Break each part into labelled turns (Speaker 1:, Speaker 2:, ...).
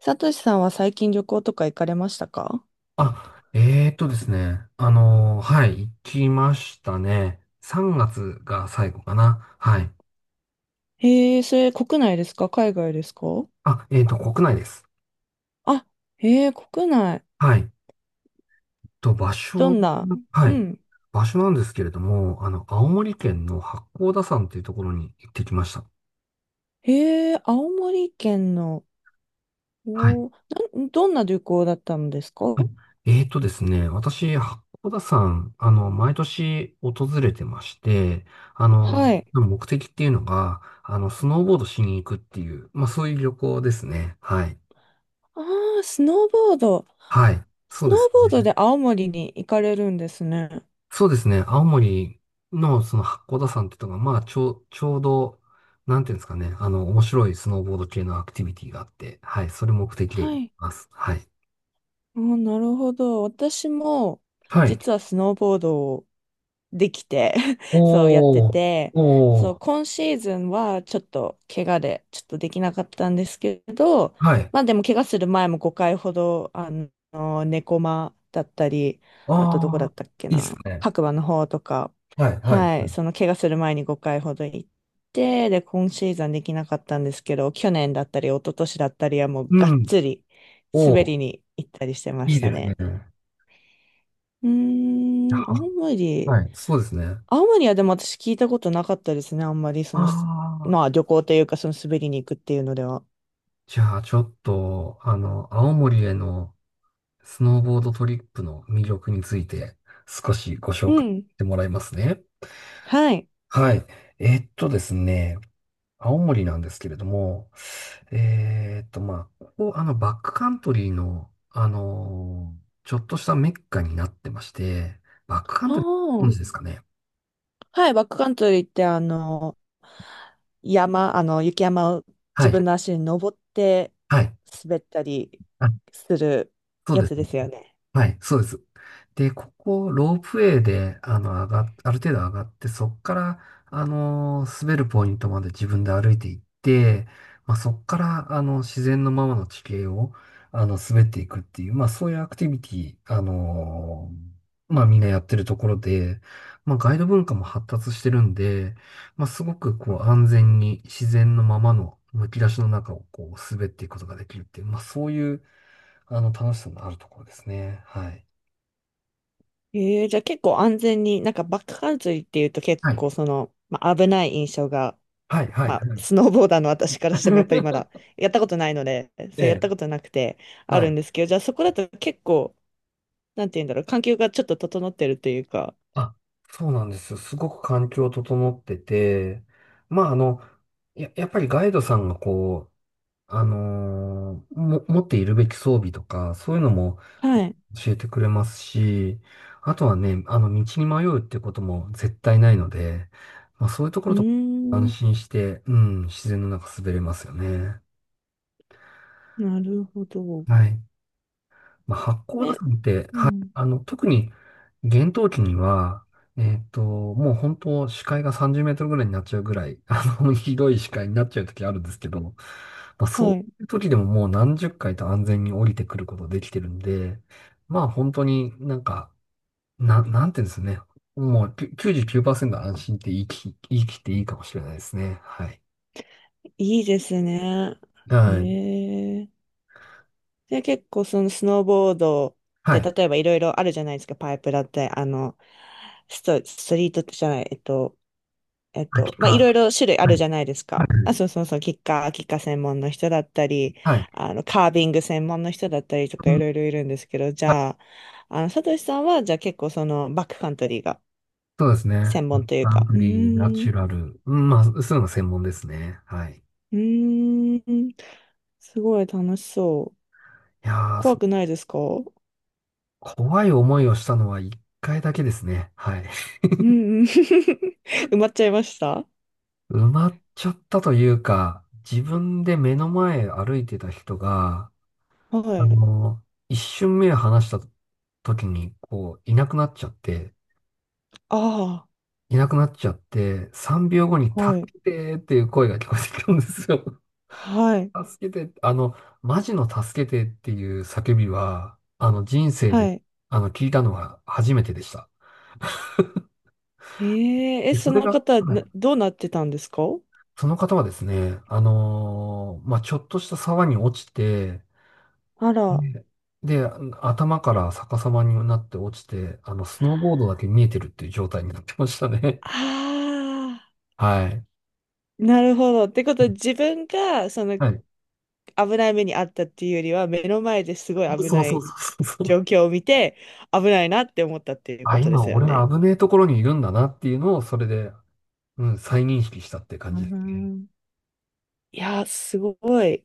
Speaker 1: サトシさんは最近旅行とか行かれましたか？
Speaker 2: あ、えーとですね。はい、行きましたね。3月がつが最後かな。はい。
Speaker 1: へえ、それ国内ですか海外ですか？
Speaker 2: あ、国内です。
Speaker 1: あ、へえ、国内。
Speaker 2: はい。と、場
Speaker 1: ど
Speaker 2: 所、
Speaker 1: んな？
Speaker 2: は
Speaker 1: う
Speaker 2: い。
Speaker 1: ん。
Speaker 2: 場所なんですけれども、青森県の八甲田山というところに行ってきました。
Speaker 1: へえ、青森県の。
Speaker 2: はい。
Speaker 1: おー。どんな旅行だったんですか？
Speaker 2: えーとですね、私、八甲田山、毎年訪れてまして、あの、
Speaker 1: はい。
Speaker 2: 目的っていうのが、スノーボードしに行くっていう、まあ、そういう旅行ですね。はい。
Speaker 1: ああ、スノーボード。
Speaker 2: はい。そ
Speaker 1: ス
Speaker 2: う
Speaker 1: ノー
Speaker 2: です
Speaker 1: ボード
Speaker 2: ね。
Speaker 1: で青森に行かれるんですね。
Speaker 2: そうですね。青森のその八甲田山ってとこが、まあ、ちょうど、なんていうんですかね。面白いスノーボード系のアクティビティがあって、はい。それ目的で
Speaker 1: は
Speaker 2: 行き
Speaker 1: い。
Speaker 2: ます。はい。
Speaker 1: あー、なるほど。私も、
Speaker 2: はい。
Speaker 1: 実はスノーボードをできて そうやって
Speaker 2: おー、
Speaker 1: て、
Speaker 2: お
Speaker 1: そう、
Speaker 2: ー、
Speaker 1: 今シーズンはちょっと怪我でちょっとできなかったんですけど、
Speaker 2: はい。
Speaker 1: まあでも怪我する前も5回ほど、猫間だったり、あとどこだっ
Speaker 2: ああ、
Speaker 1: たっけ
Speaker 2: いいっす
Speaker 1: な、
Speaker 2: ね。
Speaker 1: 白馬の方とか、
Speaker 2: はい、はい。はい、
Speaker 1: はい、その怪我する前に5回ほど行って、で、今シーズンできなかったんですけど、去年だったり、一昨年だったりはもう
Speaker 2: う
Speaker 1: がっ
Speaker 2: ん。
Speaker 1: つり
Speaker 2: お
Speaker 1: 滑
Speaker 2: ー、
Speaker 1: りに行ったりしてま
Speaker 2: い
Speaker 1: し
Speaker 2: い
Speaker 1: た
Speaker 2: です
Speaker 1: ね。
Speaker 2: ね。
Speaker 1: うーん、青
Speaker 2: は、
Speaker 1: 森。
Speaker 2: はい、そうですね。あ
Speaker 1: 青森はでも私聞いたことなかったですね。あんまり
Speaker 2: あ、
Speaker 1: まあ旅行というかその滑りに行くっていうのでは。
Speaker 2: じゃあ、ちょっと、青森への、スノーボードトリップの魅力について少しご
Speaker 1: う
Speaker 2: 紹介し
Speaker 1: ん。
Speaker 2: てもらいますね。
Speaker 1: はい。
Speaker 2: はい。ですね、青森なんですけれども、まあ、ここ、バックカントリーの、ちょっとしたメッカになってまして、バックカン
Speaker 1: あ
Speaker 2: トリー、ご存知で
Speaker 1: あ。
Speaker 2: すかね。
Speaker 1: はい。バックカントリーってあの、山、あの、雪山を
Speaker 2: は
Speaker 1: 自
Speaker 2: い。
Speaker 1: 分の足に登って
Speaker 2: はい。
Speaker 1: 滑ったり
Speaker 2: あ、
Speaker 1: する
Speaker 2: そう
Speaker 1: や
Speaker 2: です。
Speaker 1: つですよね。
Speaker 2: はい、そうです。で、ここ、ロープウェイで、上がっ、ある程度上がって、そっから、滑るポイントまで自分で歩いていって、まあ、そっから、自然のままの地形を、滑っていくっていう、まあ、そういうアクティビティ、まあ、みんなやってるところで、まあ、ガイド文化も発達してるんで、まあ、すごく、こう、安全に自然のままの、むき出しの中を、こう、滑っていくことができるっていう、まあ、そういう、楽しさのあるところですね。はい。
Speaker 1: ええ、じゃあ結構安全に。なんかバックカントリーっていうと結
Speaker 2: はい。
Speaker 1: 構まあ、危ない印象が、
Speaker 2: はい、はい、
Speaker 1: まあ、
Speaker 2: は
Speaker 1: ス
Speaker 2: い。
Speaker 1: ノーボーダーの私からしてもやっぱりまだ やったことないので、
Speaker 2: え
Speaker 1: そう、やっ
Speaker 2: え、
Speaker 1: たことなくてあ
Speaker 2: はい。
Speaker 1: るんですけど、じゃあそこだと結構、なんて言うんだろう、環境がちょっと整ってるというか。
Speaker 2: あ、そうなんですよ。すごく環境整ってて、まあ、やっぱりガイドさんがこう、あのーも、持っているべき装備とか、そういうのも
Speaker 1: はい。
Speaker 2: 教えてくれますし、あとはね、道に迷うっていうことも絶対ないので、まあ、そういうとこ
Speaker 1: う
Speaker 2: ろ
Speaker 1: ー
Speaker 2: と安
Speaker 1: ん、
Speaker 2: 心して、うん、自然の中滑れますよね。
Speaker 1: なるほど。
Speaker 2: はい。まあ、八甲田
Speaker 1: え、
Speaker 2: 山って、
Speaker 1: う
Speaker 2: はい、
Speaker 1: ん。
Speaker 2: 特に厳冬期には、もう本当視界が30メートルぐらいになっちゃうぐらい、ひどい視界になっちゃう時あるんですけど、まあ、そう
Speaker 1: はい。
Speaker 2: いう時でももう何十回と安全に降りてくることできてるんで、まあ本当になんか、なんていうんですね。もう99%安心って言い切っていいかもしれないですね。はい。
Speaker 1: いいですね。え
Speaker 2: はい。
Speaker 1: え。で、結構そのスノーボードっ
Speaker 2: は
Speaker 1: て
Speaker 2: い。
Speaker 1: 例えばいろいろあるじゃないですか。パイプだって、ストリートじゃない、
Speaker 2: 秋
Speaker 1: まあ、い
Speaker 2: か。
Speaker 1: ろいろ種類あ
Speaker 2: は
Speaker 1: る
Speaker 2: い。
Speaker 1: じゃないです
Speaker 2: は
Speaker 1: か。あ、
Speaker 2: い。
Speaker 1: そうそうそう、キッカー専門の人だったり、
Speaker 2: はい。
Speaker 1: カービング専門の人だったりと
Speaker 2: う
Speaker 1: か
Speaker 2: ん、
Speaker 1: いろいろいるんですけど、じゃあ、サトシさんは、じゃあ結構バックカントリーが
Speaker 2: そうですね。
Speaker 1: 専門という
Speaker 2: アン
Speaker 1: か、
Speaker 2: グ
Speaker 1: う
Speaker 2: リー、ナ
Speaker 1: ー
Speaker 2: チ
Speaker 1: ん。
Speaker 2: ュラル。うん、まあ、そういうの専門ですね。はい。
Speaker 1: うーん、すごい楽しそう。
Speaker 2: やー、そ
Speaker 1: 怖くないですか？う
Speaker 2: 怖い思いをしたのは一回だけですね。はい。
Speaker 1: んうん。埋まっちゃいました？
Speaker 2: 埋まっちゃったというか、自分で目の前歩いてた人が、
Speaker 1: は
Speaker 2: あ
Speaker 1: い。
Speaker 2: の、一瞬目を離した時に、こう、いなくなっちゃって、
Speaker 1: あ
Speaker 2: いなくなっちゃって、3秒後に
Speaker 1: あ、
Speaker 2: 助
Speaker 1: はい。
Speaker 2: けてーっていう声が聞こえてきたんですよ。
Speaker 1: はい。
Speaker 2: 助けて、マジの助けてっていう叫びは、人生
Speaker 1: は
Speaker 2: で、
Speaker 1: い。
Speaker 2: 聞いたのは初めてでした。
Speaker 1: えー、
Speaker 2: で、
Speaker 1: そ
Speaker 2: それ
Speaker 1: の
Speaker 2: が、
Speaker 1: 方、
Speaker 2: はい。
Speaker 1: どうなってたんですか？
Speaker 2: その方はですね、まあ、ちょっとした沢に落ちて、
Speaker 1: あら。
Speaker 2: で、で頭から逆さまになって落ちて、スノーボードだけ見えてるっていう状態になってましたね。
Speaker 1: ああ、
Speaker 2: はい。
Speaker 1: なるほど。ってことは自分がその
Speaker 2: はい。
Speaker 1: 危ない目に遭ったっていうよりは、目の前ですごい危
Speaker 2: そう
Speaker 1: な
Speaker 2: そう
Speaker 1: い
Speaker 2: そうそう。
Speaker 1: 状況を見て、危ないなって思ったっていう
Speaker 2: あ、
Speaker 1: ことで
Speaker 2: 今
Speaker 1: すよ
Speaker 2: 俺は
Speaker 1: ね。
Speaker 2: 危ねえところにいるんだなっていうのを、それで、うん、再認識したって感
Speaker 1: う
Speaker 2: じですね。
Speaker 1: ん、いやー、すごい。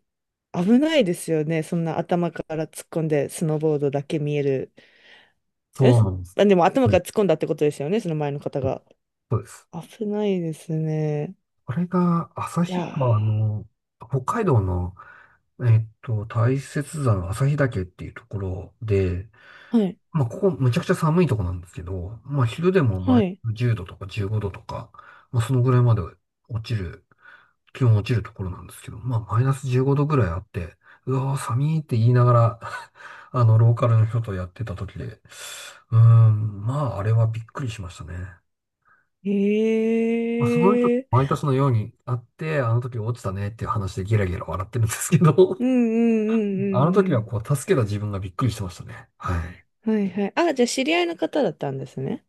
Speaker 1: 危ないですよね。そんな頭から突っ込んで、スノーボードだけ見える。え、
Speaker 2: そうなんで
Speaker 1: まあ
Speaker 2: す。
Speaker 1: でも頭
Speaker 2: うん、
Speaker 1: から突っ込んだってことですよね、その前の方が。
Speaker 2: そうです。
Speaker 1: 危ないですね。
Speaker 2: あれが、
Speaker 1: い
Speaker 2: 旭
Speaker 1: やー、
Speaker 2: 川の、北海道の、大雪山旭岳っていうところで、
Speaker 1: はい、
Speaker 2: まあ、ここむちゃくちゃ寒いとこなんですけど、まあ、昼でも
Speaker 1: は
Speaker 2: マイ
Speaker 1: い。
Speaker 2: ナス10度とか15度とか、まあ、そのぐらいまで落ちる、気温落ちるところなんですけど、まあ、マイナス15度ぐらいあって、うわー、寒いって言いながら ローカルの人とやってた時で、うーん、まあ、あれはびっくりしましたね。まあ、その人、
Speaker 1: ええ
Speaker 2: 毎
Speaker 1: ー、
Speaker 2: 年のようにあって、あの時落ちたねっていう話でゲラゲラ笑ってるんですけど、
Speaker 1: う んうん
Speaker 2: あの
Speaker 1: う
Speaker 2: 時
Speaker 1: んう
Speaker 2: は
Speaker 1: ん、
Speaker 2: こう、助けた自分がびっくりしてましたね。はい。
Speaker 1: はいはい。あ、じゃあ知り合いの方だったんですね。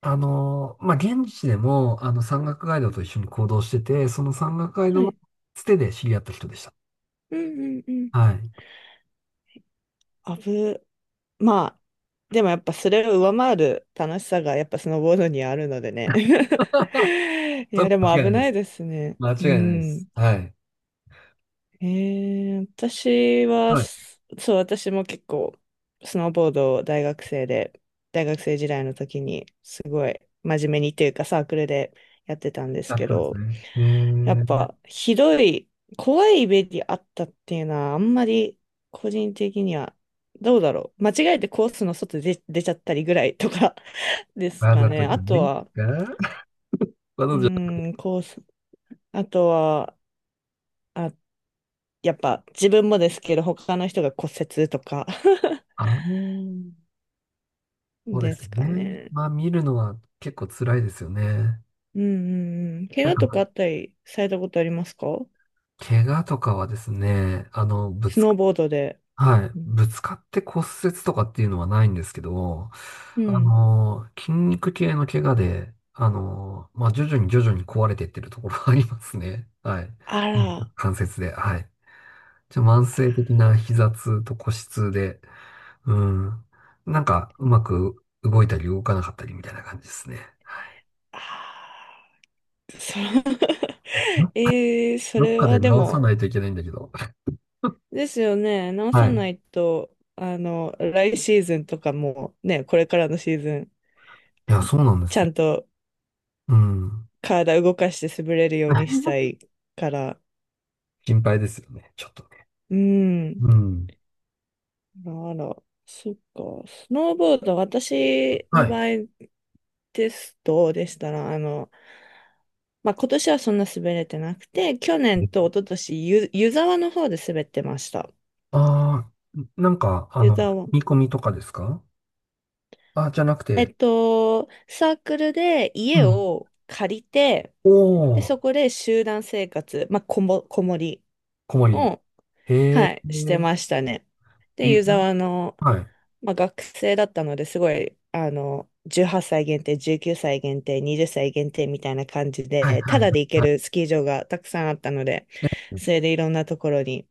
Speaker 2: まあ、現地でも、山岳ガイドと一緒に行動してて、その山岳ガイ
Speaker 1: は
Speaker 2: ドの
Speaker 1: い。
Speaker 2: つてで知り合った人でした。
Speaker 1: うんうんうん。
Speaker 2: はい。
Speaker 1: あぶ、まあ、でもやっぱそれを上回る楽しさがやっぱスノーボードにはあるのでね。い
Speaker 2: そ
Speaker 1: や、
Speaker 2: れ
Speaker 1: で
Speaker 2: 間
Speaker 1: も
Speaker 2: 違いな
Speaker 1: 危
Speaker 2: いで
Speaker 1: ない
Speaker 2: す。
Speaker 1: ですね。
Speaker 2: 間違
Speaker 1: う
Speaker 2: いないで
Speaker 1: ん。
Speaker 2: す。はい。
Speaker 1: えー、私は、
Speaker 2: はい。
Speaker 1: すそう、私も結構、スノーボードを大学生時代の時に、すごい真面目にというか、サークルでやってたんで
Speaker 2: あ
Speaker 1: す
Speaker 2: っ
Speaker 1: け
Speaker 2: たんです
Speaker 1: ど、
Speaker 2: ね。え
Speaker 1: やっ
Speaker 2: ー、
Speaker 1: ぱ、ひどい、怖いイメージあったっていうのは、あんまり、個人的には、どうだろう。間違えてコースの外で出ちゃったりぐらいとか です
Speaker 2: わ
Speaker 1: か
Speaker 2: ざと
Speaker 1: ね。
Speaker 2: じゃ
Speaker 1: あ
Speaker 2: な
Speaker 1: と
Speaker 2: いんです
Speaker 1: は、
Speaker 2: か？ わ
Speaker 1: う
Speaker 2: ざとじゃ、
Speaker 1: ーん、コース、あとは、やっぱ自分もですけど、他の人が骨折とか
Speaker 2: あのー そうで
Speaker 1: で
Speaker 2: す
Speaker 1: す
Speaker 2: よ
Speaker 1: か
Speaker 2: ね。
Speaker 1: ね。
Speaker 2: まあ、見るのは結構辛いですよね。
Speaker 1: うんうんうん。怪我とかあったりされたことありますか？
Speaker 2: 怪我とかはですね、あの、ぶ
Speaker 1: ス
Speaker 2: つ
Speaker 1: ノー
Speaker 2: か、
Speaker 1: ボードで。
Speaker 2: はい、
Speaker 1: うん。
Speaker 2: ぶつかって骨折とかっていうのはないんですけど、
Speaker 1: うん、
Speaker 2: 筋肉系の怪我で、まあ、徐々に徐々に壊れていってるところがありますね。はい。
Speaker 1: あ
Speaker 2: うん、
Speaker 1: ら。
Speaker 2: 関節で、はい。じゃ、慢性的な膝痛と腰痛で、うん。なんか、うまく動いたり動かなかったりみたいな感じですね。
Speaker 1: あー、そう。
Speaker 2: ど、
Speaker 1: そ
Speaker 2: どっ
Speaker 1: れ
Speaker 2: か
Speaker 1: は
Speaker 2: で
Speaker 1: で
Speaker 2: 直さ
Speaker 1: も、
Speaker 2: ないといけないんだけど。
Speaker 1: ですよね。直
Speaker 2: は
Speaker 1: さ
Speaker 2: い。
Speaker 1: ないと、来シーズンとかもね、これからのシーズン、
Speaker 2: いや、そうなんで
Speaker 1: ち
Speaker 2: す
Speaker 1: ゃ
Speaker 2: よ。
Speaker 1: んと
Speaker 2: うん。
Speaker 1: 体動かして滑れるようにし たいから。
Speaker 2: 心配ですよね。ちょっとね。
Speaker 1: うん。
Speaker 2: うん。
Speaker 1: あら、そっか。スノーボード、私
Speaker 2: は
Speaker 1: の
Speaker 2: い。
Speaker 1: 場合ですと、でしたら、まあ、今年はそんな滑れてなくて、去年と一昨年湯沢の方で滑ってました。
Speaker 2: ああ、なんか、
Speaker 1: 湯沢。
Speaker 2: 見込みとかですか？あ、じゃなくて、
Speaker 1: サークルで
Speaker 2: う
Speaker 1: 家
Speaker 2: ん。
Speaker 1: を借りて、で、
Speaker 2: おー、
Speaker 1: そこで集団生活、まあ、こもり
Speaker 2: 小森。
Speaker 1: を、はい、して
Speaker 2: え、
Speaker 1: ましたね。で、
Speaker 2: い、
Speaker 1: 湯沢の、
Speaker 2: はい、
Speaker 1: まあ、学生だったのですごい、18歳限定、19歳限定、20歳限定みたいな感じ
Speaker 2: はい、
Speaker 1: で、
Speaker 2: は
Speaker 1: た
Speaker 2: い。
Speaker 1: だで行け
Speaker 2: はい。
Speaker 1: るスキー場がたくさんあったので、それでいろんなところに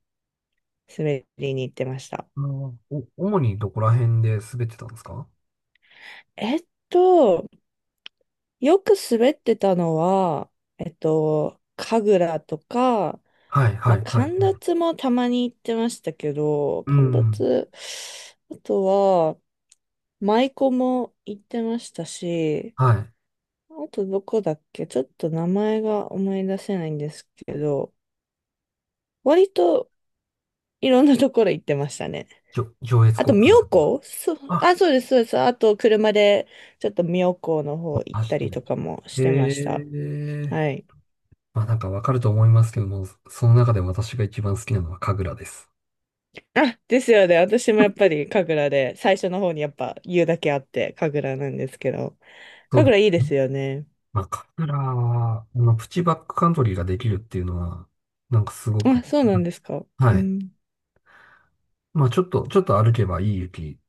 Speaker 1: 滑りに行ってました。
Speaker 2: 主にどこら辺で滑ってたんですか？
Speaker 1: えっと、よく滑ってたのは、神楽とか、
Speaker 2: はい、は
Speaker 1: まあ、
Speaker 2: い、はい、
Speaker 1: 神
Speaker 2: はい。
Speaker 1: 立もたまに行ってましたけど、
Speaker 2: う
Speaker 1: 神
Speaker 2: ん。
Speaker 1: 立、あとは、舞妓も行ってましたし、
Speaker 2: はい。
Speaker 1: あとどこだっけちょっと名前が思い出せないんですけど、割といろんなところ行ってましたね。
Speaker 2: じょ、上越
Speaker 1: あと、
Speaker 2: 国会。
Speaker 1: 妙高、そう、
Speaker 2: あ、
Speaker 1: あ、そうです、そうです。あと、車でちょっと妙高の方行っ
Speaker 2: 走っ
Speaker 1: た
Speaker 2: て
Speaker 1: り
Speaker 2: る。
Speaker 1: とかもしてました。
Speaker 2: へえ。
Speaker 1: はい。
Speaker 2: まあなんかわかると思いますけども、その中で私が一番好きなのは神楽です。
Speaker 1: あ、ですよね。私もやっぱり神楽で、最初の方にやっぱ言うだけあって、神楽なんですけど。
Speaker 2: そうで
Speaker 1: 神楽いいで
Speaker 2: す。
Speaker 1: すよね。
Speaker 2: まあ、カフラは、まあの、プチバックカントリーができるっていうのは、なんかすごく、
Speaker 1: あ、そうなんですか。う
Speaker 2: はい。
Speaker 1: ん。
Speaker 2: まあ、ちょっと歩けばいい雪、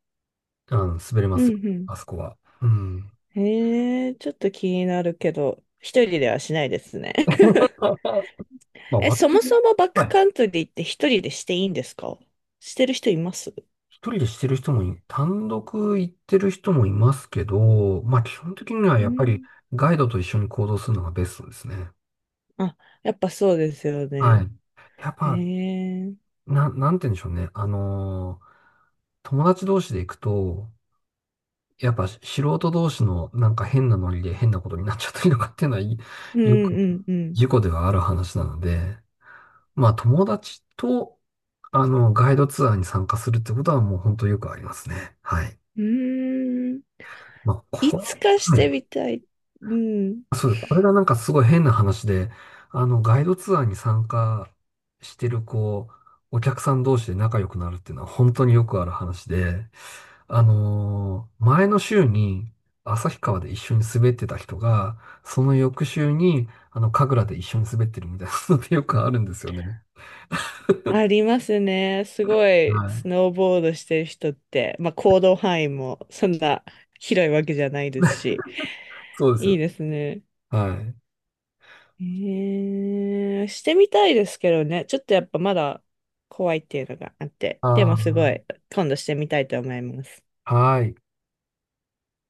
Speaker 2: 滑れま
Speaker 1: う
Speaker 2: すよ。
Speaker 1: んう
Speaker 2: あそこは。うん。
Speaker 1: ん。へえ、ちょっと気になるけど、一人ではしないですね。
Speaker 2: まあ、割
Speaker 1: そ
Speaker 2: と、
Speaker 1: もそもバッ
Speaker 2: は
Speaker 1: ク
Speaker 2: い。
Speaker 1: カントリーって一人でしていいんですか？してる人います？
Speaker 2: 一人でしてる人もい、単独行ってる人もいますけど、まあ、基本的には
Speaker 1: う
Speaker 2: やっぱり
Speaker 1: ん。
Speaker 2: ガイドと一緒に行動するのがベストですね。
Speaker 1: あ、やっぱそうですよ
Speaker 2: は
Speaker 1: ね。
Speaker 2: い。やっ
Speaker 1: へ
Speaker 2: ぱ、
Speaker 1: え。
Speaker 2: なんて言うんでしょうね。友達同士で行くと、やっぱ素人同士のなんか変なノリで変なことになっちゃったりとかっていうのは、
Speaker 1: うん
Speaker 2: よく
Speaker 1: うんうん。
Speaker 2: 事故ではある話なので、まあ友達と、ガイドツアーに参加するってことはもう本当よくありますね。はい。
Speaker 1: うーん。
Speaker 2: まあ、
Speaker 1: い
Speaker 2: こ
Speaker 1: つ
Speaker 2: れ、
Speaker 1: かし
Speaker 2: は
Speaker 1: てみ
Speaker 2: い、
Speaker 1: たい。うん。
Speaker 2: そうです。これがなんかすごい変な話で、ガイドツアーに参加してるお客さん同士で仲良くなるっていうのは本当によくある話で、前の週に旭川で一緒に滑ってた人が、その翌週に、神楽で一緒に滑ってるみたいなのってよくあるんですよね。
Speaker 1: ありますね。すご
Speaker 2: は
Speaker 1: い、ス
Speaker 2: い。
Speaker 1: ノーボードしてる人って、まあ行動範囲もそんな広いわけじゃないですし、
Speaker 2: そうで
Speaker 1: いい
Speaker 2: す。
Speaker 1: ですね。
Speaker 2: はい。
Speaker 1: ええ、してみたいですけどね。ちょっとやっぱまだ怖いっていうのがあって。でもすごい、
Speaker 2: あ
Speaker 1: 今度してみたいと思います。
Speaker 2: あ、はい。